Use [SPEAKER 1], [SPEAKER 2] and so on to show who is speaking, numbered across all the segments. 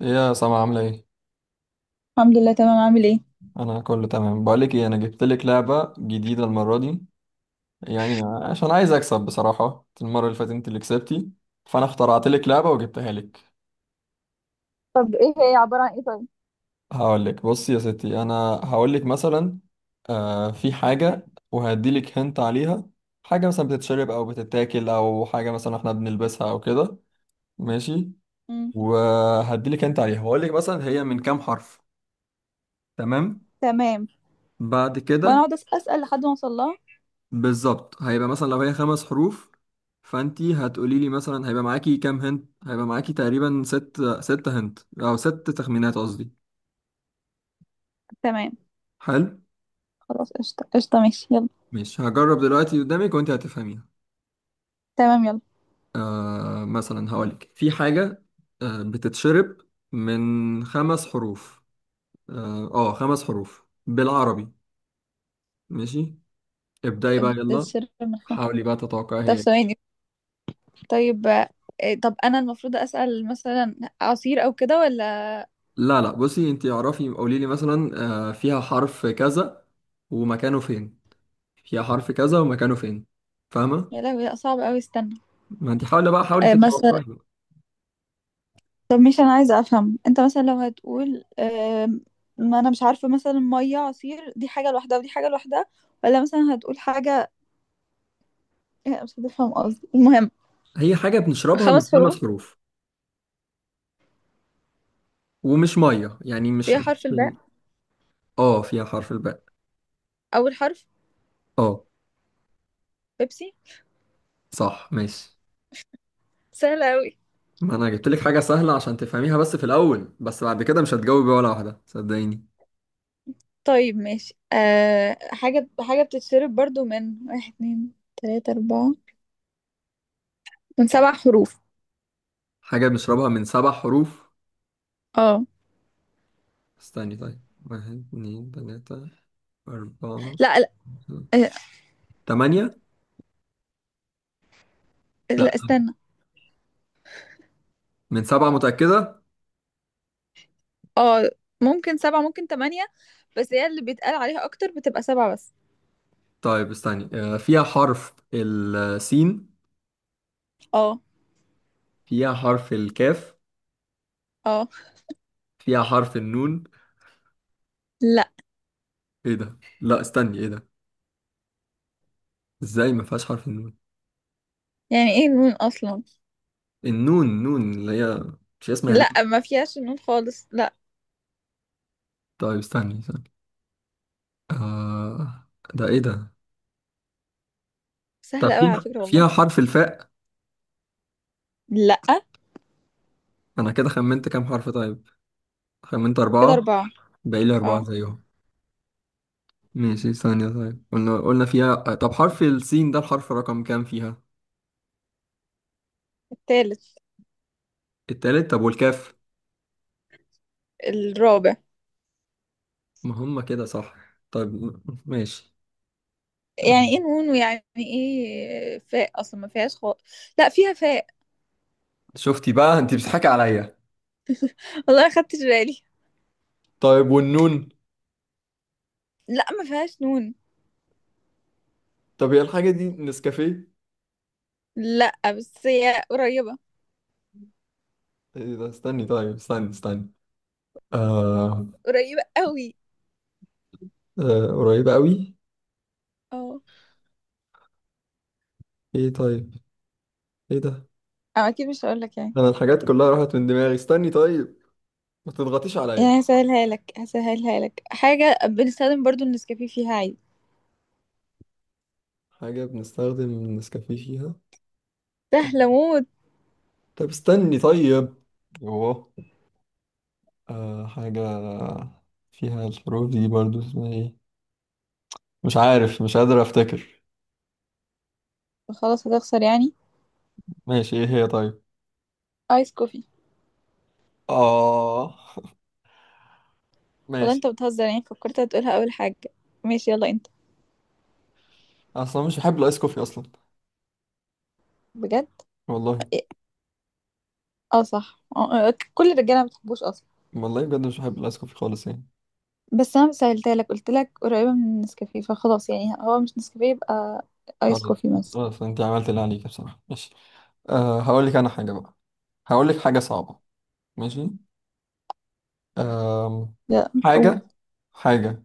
[SPEAKER 1] إيه يا سما عاملة ايه؟
[SPEAKER 2] الحمد لله، تمام. عامل ايه؟
[SPEAKER 1] أنا كله تمام. بقولك ايه، أنا جبت لك لعبة جديدة المرة دي يعني، عشان عايز أكسب بصراحة. المرة اللي فاتت أنت اللي كسبتي، فأنا اخترعت لك لعبة وجبتها لك.
[SPEAKER 2] طب ايه هي؟ عبارة عن ايه؟ طيب.
[SPEAKER 1] هقولك بصي يا ستي، أنا هقولك مثلا في حاجة، وهديلك هنت عليها. حاجة مثلا بتتشرب أو بتتاكل، أو حاجة مثلا احنا بنلبسها أو كده. ماشي،
[SPEAKER 2] مم.
[SPEAKER 1] وهديلك هنت عليها، وهقولك مثلا هي من كام حرف، تمام؟
[SPEAKER 2] تمام.
[SPEAKER 1] بعد
[SPEAKER 2] وانا
[SPEAKER 1] كده
[SPEAKER 2] اقعد اسال لحد ما اوصل لها.
[SPEAKER 1] بالظبط هيبقى مثلا لو هي خمس حروف، فانتي هتقولي لي مثلا هيبقى معاكي كام هنت. هيبقى معاكي تقريبا ست، ست هنت او ست تخمينات قصدي.
[SPEAKER 2] تمام.
[SPEAKER 1] حلو،
[SPEAKER 2] خلاص، قشطه قشطه، ماشي يلا.
[SPEAKER 1] مش هجرب دلوقتي قدامك وانتي هتفهميها.
[SPEAKER 2] تمام، يلا.
[SPEAKER 1] مثلا هقولك في حاجة بتتشرب من خمس حروف. اه خمس حروف بالعربي، ماشي، ابدأي بقى يلا.
[SPEAKER 2] بتتشرب من خمس.
[SPEAKER 1] حاولي بقى تتوقعي
[SPEAKER 2] طب
[SPEAKER 1] هي إيه.
[SPEAKER 2] ثواني. طيب، طب انا المفروض اسال مثلا عصير او كده ولا؟
[SPEAKER 1] لا لا، بصي انتي اعرفي قولي لي مثلا فيها حرف كذا ومكانه فين، فيها حرف كذا ومكانه فين، فاهمة؟
[SPEAKER 2] يا لهوي، لا، صعب قوي، استنى.
[SPEAKER 1] ما انت حاولي بقى، حاولي
[SPEAKER 2] مثلا،
[SPEAKER 1] تتوقعي بقى.
[SPEAKER 2] طب مش انا عايزه افهم؟ انت مثلا لو هتقول ما انا مش عارفه، مثلا ميه، عصير، دي حاجه لوحدها ودي حاجه لوحدها، ولا مثلا هتقول حاجه؟ مش هتفهم قصدي، المهم.
[SPEAKER 1] هي حاجة بنشربها من
[SPEAKER 2] خمس حروف.
[SPEAKER 1] خمس حروف، ومش مية يعني، مش
[SPEAKER 2] فيها
[SPEAKER 1] مش
[SPEAKER 2] حرف الباء.
[SPEAKER 1] ال... اه فيها حرف الباء.
[SPEAKER 2] أول حرف.
[SPEAKER 1] اه
[SPEAKER 2] بيبسي.
[SPEAKER 1] صح، ماشي.
[SPEAKER 2] سهلة أوي.
[SPEAKER 1] ما انا جبت لك حاجة سهلة عشان تفهميها بس في الأول، بس بعد كده مش هتجاوبي ولا واحدة، صدقيني.
[SPEAKER 2] طيب ماشي، حاجة حاجة بتتشرب برضو، من واحد اتنين تلاتة أربعة. من سبع حروف.
[SPEAKER 1] حاجة بنشربها من سبع حروف.
[SPEAKER 2] اه.
[SPEAKER 1] استني طيب، واحد اتنين تلاتة أربعة
[SPEAKER 2] لا لا، آه،
[SPEAKER 1] تمانية. لا،
[SPEAKER 2] لا استنى.
[SPEAKER 1] من سبعة متأكدة؟
[SPEAKER 2] اه. ممكن سبعة، ممكن تمانية. بس هي اللي بيتقال عليها أكتر بتبقى سبعة بس.
[SPEAKER 1] طيب استني، فيها حرف السين،
[SPEAKER 2] اه.
[SPEAKER 1] فيها حرف الكاف،
[SPEAKER 2] اه.
[SPEAKER 1] فيها حرف النون.
[SPEAKER 2] لا.
[SPEAKER 1] ايه ده، لا استني ايه ده، ازاي ما فيهاش حرف النون؟
[SPEAKER 2] يعني ايه النون أصلا؟
[SPEAKER 1] النون، نون اللي هي، مش اسمها نون؟
[SPEAKER 2] لا، ما فيهاش النون خالص، لا.
[SPEAKER 1] طيب استني استني، آه ده ايه ده؟ طب
[SPEAKER 2] سهلة أوي على
[SPEAKER 1] فيها
[SPEAKER 2] فكرة والله.
[SPEAKER 1] فيها حرف الفاء.
[SPEAKER 2] لا.
[SPEAKER 1] انا كده خمنت كام حرف طيب، خمنت
[SPEAKER 2] كده
[SPEAKER 1] أربعة،
[SPEAKER 2] أربعة.
[SPEAKER 1] باقي لي أربعة
[SPEAKER 2] اه.
[SPEAKER 1] زيهم. ماشي ثانية، طيب قلنا فيها طب حرف السين، ده الحرف رقم كام فيها؟
[SPEAKER 2] التالت.
[SPEAKER 1] التالت، طب والكاف؟
[SPEAKER 2] الرابع.
[SPEAKER 1] ما هم كده صح. طيب ماشي.
[SPEAKER 2] يعني ايه
[SPEAKER 1] آه،
[SPEAKER 2] نون؟ ويعني ايه فاء؟ اصلا ما فيهاش خالص. لا، فيها فاء.
[SPEAKER 1] شفتي بقى، انت بتضحكي عليا.
[SPEAKER 2] والله ما خدتش بالي.
[SPEAKER 1] طيب والنون؟
[SPEAKER 2] لا، ما فيهاش نون.
[SPEAKER 1] طب هي الحاجة دي نسكافيه؟
[SPEAKER 2] لا، بس هي قريبة.
[SPEAKER 1] ايه ده، استني طيب، استني استني، آه,
[SPEAKER 2] قريبة قوي.
[SPEAKER 1] آه قريبة قوي.
[SPEAKER 2] اه.
[SPEAKER 1] ايه طيب، ايه ده،
[SPEAKER 2] أو اكيد مش هقول لك يعني.
[SPEAKER 1] انا الحاجات كلها راحت من دماغي، استني طيب، ما تضغطيش عليا.
[SPEAKER 2] يعني هسهلها لك حاجة بنستخدم برضو النسكافيه فيها عادي.
[SPEAKER 1] حاجة بنستخدم النسكافيه فيها.
[SPEAKER 2] سهلة موت.
[SPEAKER 1] طب استني طيب، اوه، حاجة فيها الحروف دي برضو، اسمها ايه؟ مش عارف، مش قادر افتكر.
[SPEAKER 2] خلاص هتخسر يعني.
[SPEAKER 1] ماشي، ايه هي طيب؟
[SPEAKER 2] ايس كوفي.
[SPEAKER 1] اه
[SPEAKER 2] والله
[SPEAKER 1] ماشي.
[SPEAKER 2] انت بتهزر، يعني فكرت هتقولها اول حاجة. ماشي، يلا انت.
[SPEAKER 1] اصلا مش بحب الايس كوفي اصلا.
[SPEAKER 2] بجد.
[SPEAKER 1] والله،
[SPEAKER 2] إيه؟ اه صح، كل الرجالة ما بتحبوش اصلا.
[SPEAKER 1] والله بجد مش بحب الايس كوفي خالص يعني.
[SPEAKER 2] بس انا سألتها لك، قلت لك قريبة من النسكافيه فخلاص، يعني هو مش نسكافيه، يبقى ايس
[SPEAKER 1] خلاص،
[SPEAKER 2] كوفي مثلا.
[SPEAKER 1] خلاص انت عملت اللي عليك بصراحة، ماشي. أه هقول لك انا حاجة بقى، هقول لك حاجة صعبة. ماشي، أه،
[SPEAKER 2] لا. أو-
[SPEAKER 1] حاجة حاجة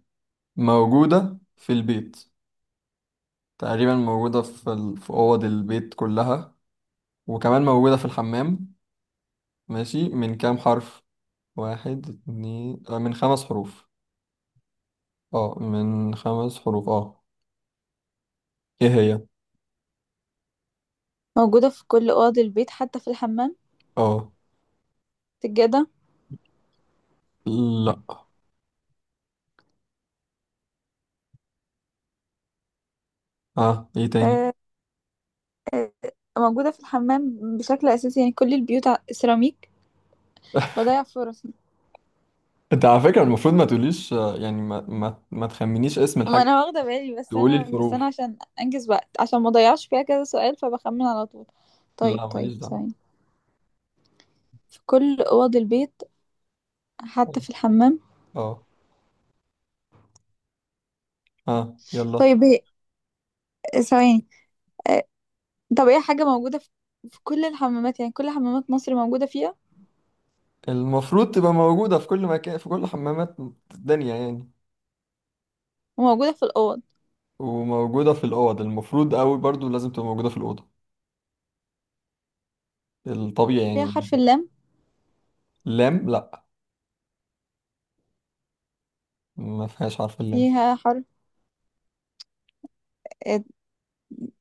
[SPEAKER 1] موجودة في البيت، تقريبا موجودة في أوض البيت كلها، وكمان موجودة في الحمام. ماشي، من كام حرف؟ واحد اتنين، من خمس حروف، اه من خمس حروف اه. ايه هي؟
[SPEAKER 2] موجودة في كل اوض البيت حتى في الحمام.
[SPEAKER 1] اه
[SPEAKER 2] سجادة.
[SPEAKER 1] لا، اه ايه تاني؟
[SPEAKER 2] آه، آه، موجودة في الحمام بشكل اساسي، يعني كل البيوت سيراميك. بضيع فرص.
[SPEAKER 1] انت على فكرة المفروض ما تقوليش، يعني ما تخمنيش اسم
[SPEAKER 2] ما
[SPEAKER 1] الحاجة،
[SPEAKER 2] انا واخدة بالي، بس
[SPEAKER 1] تقولي
[SPEAKER 2] انا بس انا
[SPEAKER 1] الحروف.
[SPEAKER 2] عشان انجز وقت، عشان ما اضيعش فيها كذا سؤال فبخمن على طول. طيب
[SPEAKER 1] لا ماليش
[SPEAKER 2] طيب
[SPEAKER 1] دعوة.
[SPEAKER 2] ثواني. في كل اوض البيت حتى في الحمام.
[SPEAKER 1] اه، اه يلا.
[SPEAKER 2] طيب هي، ثواني، آه، طب هي حاجة موجودة في كل الحمامات، يعني كل حمامات مصر موجودة فيها،
[SPEAKER 1] المفروض تبقى موجودة في كل مكان، في كل حمامات الدنيا يعني،
[SPEAKER 2] وموجودة في الأوض.
[SPEAKER 1] وموجودة في الأوض المفروض أوي برضو، لازم تبقى موجودة في الأوضة الطبيعي
[SPEAKER 2] فيها
[SPEAKER 1] يعني.
[SPEAKER 2] حرف اللام.
[SPEAKER 1] لام، لا ما فيهاش حرف اللام.
[SPEAKER 2] فيها حرف، آه،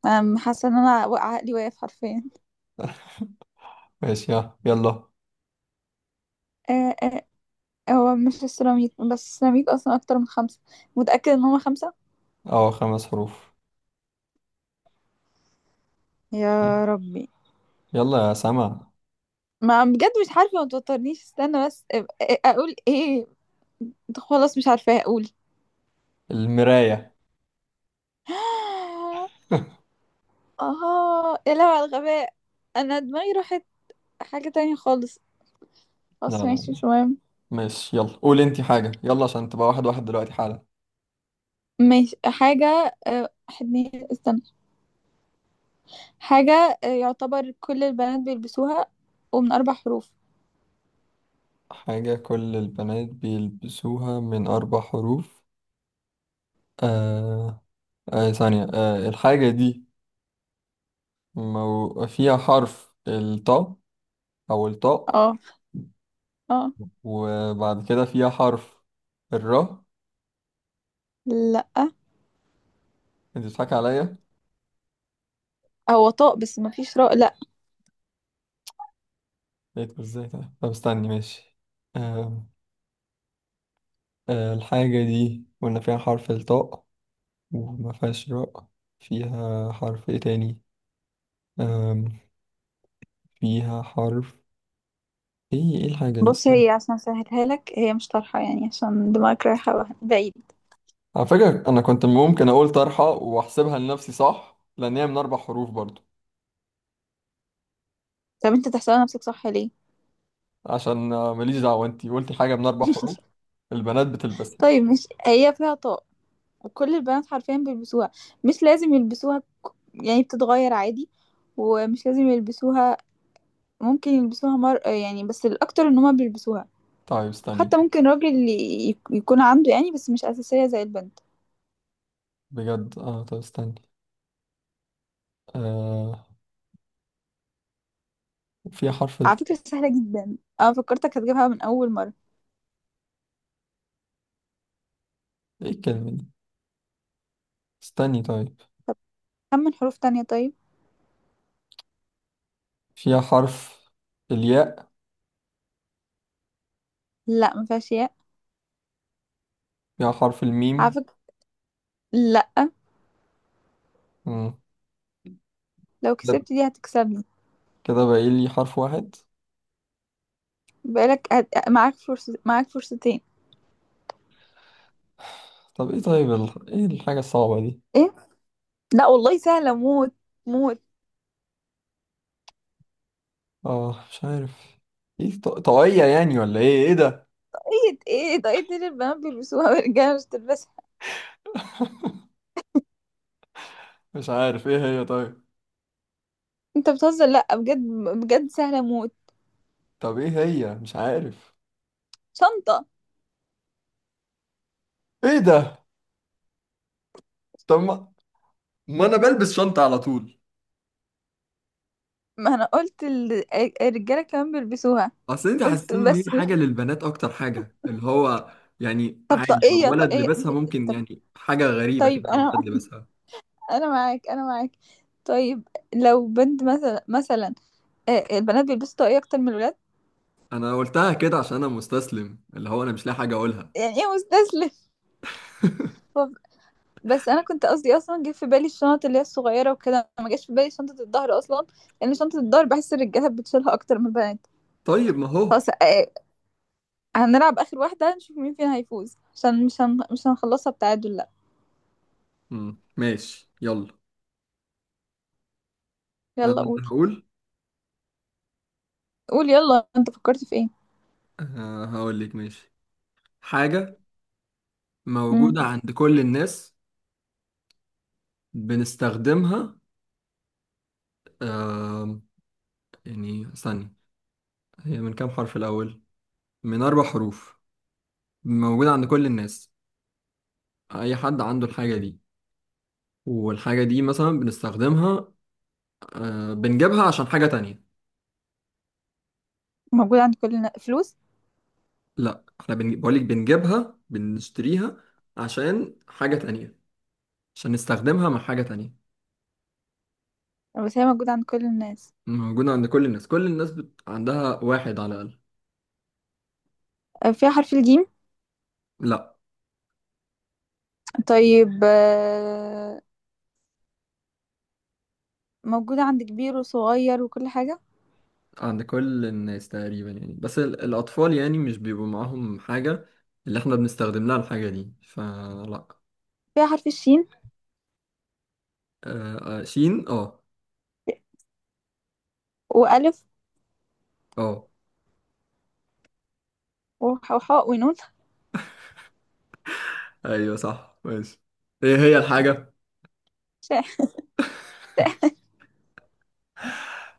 [SPEAKER 2] أم، حاسة ان انا عقلي واقف حرفيا.
[SPEAKER 1] ماشي اه يلا.
[SPEAKER 2] آه، آه، هو مش السيراميك، بس السيراميك اصلا اكتر من خمسة. متأكد ان هما خمسة؟
[SPEAKER 1] اه خمس حروف،
[SPEAKER 2] يا ربي.
[SPEAKER 1] يلا يا سما.
[SPEAKER 2] ما بجد مش عارفة، ما توترنيش، استنى بس، اقول ايه. خلاص مش عارفة اقول.
[SPEAKER 1] المراية.
[SPEAKER 2] اه يا لهوي على الغباء. انا دماغي راحت. حاجة تانية خالص.
[SPEAKER 1] لا
[SPEAKER 2] خلاص
[SPEAKER 1] لا
[SPEAKER 2] ماشي، شوية.
[SPEAKER 1] ماشي، يلا قول انتي حاجة يلا، عشان تبقى واحد واحد دلوقتي حالا.
[SPEAKER 2] ماشي. حاجة، حدني استنى. حاجة، يعتبر كل البنات بيلبسوها، ومن أربع حروف.
[SPEAKER 1] حاجة كل البنات بيلبسوها، من أربع حروف. آه، ثانية، الحاجة دي فيها حرف الطاء، أو الطاء.
[SPEAKER 2] اه. اه.
[SPEAKER 1] وبعد كده فيها حرف الراء؟
[SPEAKER 2] لا.
[SPEAKER 1] أنت بتضحك عليا.
[SPEAKER 2] هو طاق بس مفيش راء، لا.
[SPEAKER 1] لقيته إزاي ده، طب استني ماشي. آه آه الحاجة دي قلنا فيها حرف الطاء، وما فيهاش راء، فيها حرف إيه تاني؟ آم فيها حرف إيه، إيه الحاجة دي،
[SPEAKER 2] بص،
[SPEAKER 1] استنى.
[SPEAKER 2] هي عشان اسهلها لك هي مش طرحة، يعني عشان دماغك رايحة بعيد.
[SPEAKER 1] على فكرة أنا كنت ممكن أقول طرحة وأحسبها لنفسي صح، لأن هي من أربع حروف برضه.
[SPEAKER 2] طب انت تحسبها نفسك صح ليه؟
[SPEAKER 1] عشان، ماليش دعوة، انتي قلتي حاجة من أربع حروف البنات بتلبسها.
[SPEAKER 2] طيب مش هي فيها طاق؟ وكل البنات حرفيا بيلبسوها. مش لازم يلبسوها، يعني بتتغير عادي، ومش لازم يلبسوها، ممكن يلبسوها يعني، بس الأكتر ان هما بيلبسوها.
[SPEAKER 1] طيب
[SPEAKER 2] حتى
[SPEAKER 1] استني،
[SPEAKER 2] ممكن راجل يكون عنده، يعني بس مش أساسية زي البنت.
[SPEAKER 1] بجد اه، طب استني آه فيها
[SPEAKER 2] على فكرة سهلة جدا، أنا فكرتك هتجيبها من أول مرة.
[SPEAKER 1] ايه الكلمة دي، استني طيب.
[SPEAKER 2] كم من حروف تانية طيب.
[SPEAKER 1] فيها حرف الياء.
[SPEAKER 2] لا، مفيهاش ياء.
[SPEAKER 1] فيها حرف
[SPEAKER 2] على
[SPEAKER 1] الميم.
[SPEAKER 2] فكرة، لا،
[SPEAKER 1] مم.
[SPEAKER 2] لو
[SPEAKER 1] كده،
[SPEAKER 2] كسبت دي هتكسبني.
[SPEAKER 1] كده باقي لي حرف واحد.
[SPEAKER 2] معاك فرصة، معاك فرصتين.
[SPEAKER 1] طب ايه طيب، ايه الحاجة الصعبة دي،
[SPEAKER 2] ايه. لا والله سهلة موت، موت.
[SPEAKER 1] اه مش عارف. ايه طاقية يعني، ولا ايه، ايه ده؟
[SPEAKER 2] ايه؟ ايه ده؟ ايه دي اللي البنات بيلبسوها والرجالة مش تلبسها؟
[SPEAKER 1] مش عارف، ايه هي طيب؟
[SPEAKER 2] انت بتهزر، لا بجد. بجد سهلة موت.
[SPEAKER 1] طب ايه هي، مش عارف.
[SPEAKER 2] شنطة.
[SPEAKER 1] ايه ده، طب ما, ما انا بلبس شنطة على طول.
[SPEAKER 2] ما انا قلت الرجالة كمان بيلبسوها،
[SPEAKER 1] اصل انت
[SPEAKER 2] قلت
[SPEAKER 1] حاسين ان هي
[SPEAKER 2] بس مش.
[SPEAKER 1] حاجه للبنات اكتر، حاجه اللي هو يعني،
[SPEAKER 2] طب،
[SPEAKER 1] عادي لو
[SPEAKER 2] طاقية
[SPEAKER 1] ولد
[SPEAKER 2] طاقية.
[SPEAKER 1] لبسها ممكن، يعني حاجه غريبه كده
[SPEAKER 2] طيب
[SPEAKER 1] لو
[SPEAKER 2] انا
[SPEAKER 1] ولد لبسها.
[SPEAKER 2] انا معاك انا معاك. طيب، لو بنت مثلا البنات بيلبسوا طاقية اكتر من الولاد.
[SPEAKER 1] انا قلتها كده عشان انا مستسلم، اللي هو انا مش لاقي حاجه اقولها.
[SPEAKER 2] يعني ايه مستسلم؟ طب- بس انا كنت قصدي اصلا جه في بالي الشنط اللي هي الصغيره وكده، ما جاش في بالي شنطه الظهر اصلا، لان شنطه الظهر بحس الرجاله بتشيلها اكتر من البنات.
[SPEAKER 1] طيب ما هو،
[SPEAKER 2] خلاص، هنلعب اخر واحده نشوف مين فينا هيفوز، عشان مش هنخلصها بتعادل، لا.
[SPEAKER 1] مم. ماشي يلا.
[SPEAKER 2] يلا
[SPEAKER 1] انا
[SPEAKER 2] قول.
[SPEAKER 1] هقول.
[SPEAKER 2] قول يلا، انت فكرت في ايه؟
[SPEAKER 1] هقول لك ماشي، حاجه
[SPEAKER 2] امم.
[SPEAKER 1] موجوده عند كل الناس، بنستخدمها. آم، يعني ثانيه، هي من كام حرف الاول؟ من اربع حروف، موجوده عند كل الناس، اي حد عنده الحاجه دي، والحاجة دي مثلا بنستخدمها، بنجيبها عشان حاجة تانية.
[SPEAKER 2] موجود عند كل الناس؟ فلوس.
[SPEAKER 1] لا، احنا بقولك بنجيبها، بنشتريها عشان حاجة تانية، عشان نستخدمها مع حاجة تانية.
[SPEAKER 2] بس هي موجوده عند كل الناس.
[SPEAKER 1] موجودة عند كل الناس، كل الناس عندها واحد على الأقل.
[SPEAKER 2] فيها حرف الجيم؟
[SPEAKER 1] لا
[SPEAKER 2] طيب، موجودة عند كبير وصغير وكل حاجة.
[SPEAKER 1] عند كل الناس تقريبا يعني، بس الأطفال يعني مش بيبقوا معاهم حاجة اللي احنا بنستخدم لها الحاجة دي، فلا.
[SPEAKER 2] فيها حرف الشين،
[SPEAKER 1] شين اه،
[SPEAKER 2] وألف،
[SPEAKER 1] اه
[SPEAKER 2] وحاء ونون.
[SPEAKER 1] ايوه صح ماشي. ايه هي الحاجة؟
[SPEAKER 2] ش-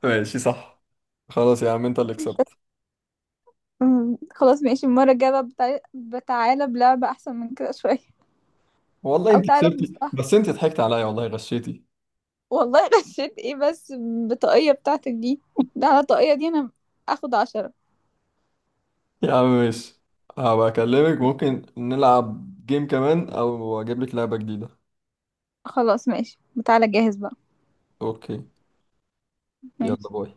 [SPEAKER 1] ماشي صح، خلاص يا عم انت اللي كسبت.
[SPEAKER 2] خلاص ماشي، المرة الجاية بقى بتعالى بلعبة أحسن من كده شوية.
[SPEAKER 1] والله
[SPEAKER 2] أو
[SPEAKER 1] انت
[SPEAKER 2] تعالى
[SPEAKER 1] كسبتي،
[SPEAKER 2] بمصطلح.
[SPEAKER 1] بس انت ضحكت عليا، والله غشيتي.
[SPEAKER 2] والله غشيت إيه بس؟ بالطاقية بتاعتك دي، ده على الطاقية دي أنا أخد 10.
[SPEAKER 1] يا عم ماشي، هبقى اكلمك ممكن نلعب جيم كمان، او اجيب لك لعبة جديدة.
[SPEAKER 2] خلاص ماشي. تعالى جاهز بقى.
[SPEAKER 1] اوكي، يلا
[SPEAKER 2] ماشي.
[SPEAKER 1] باي.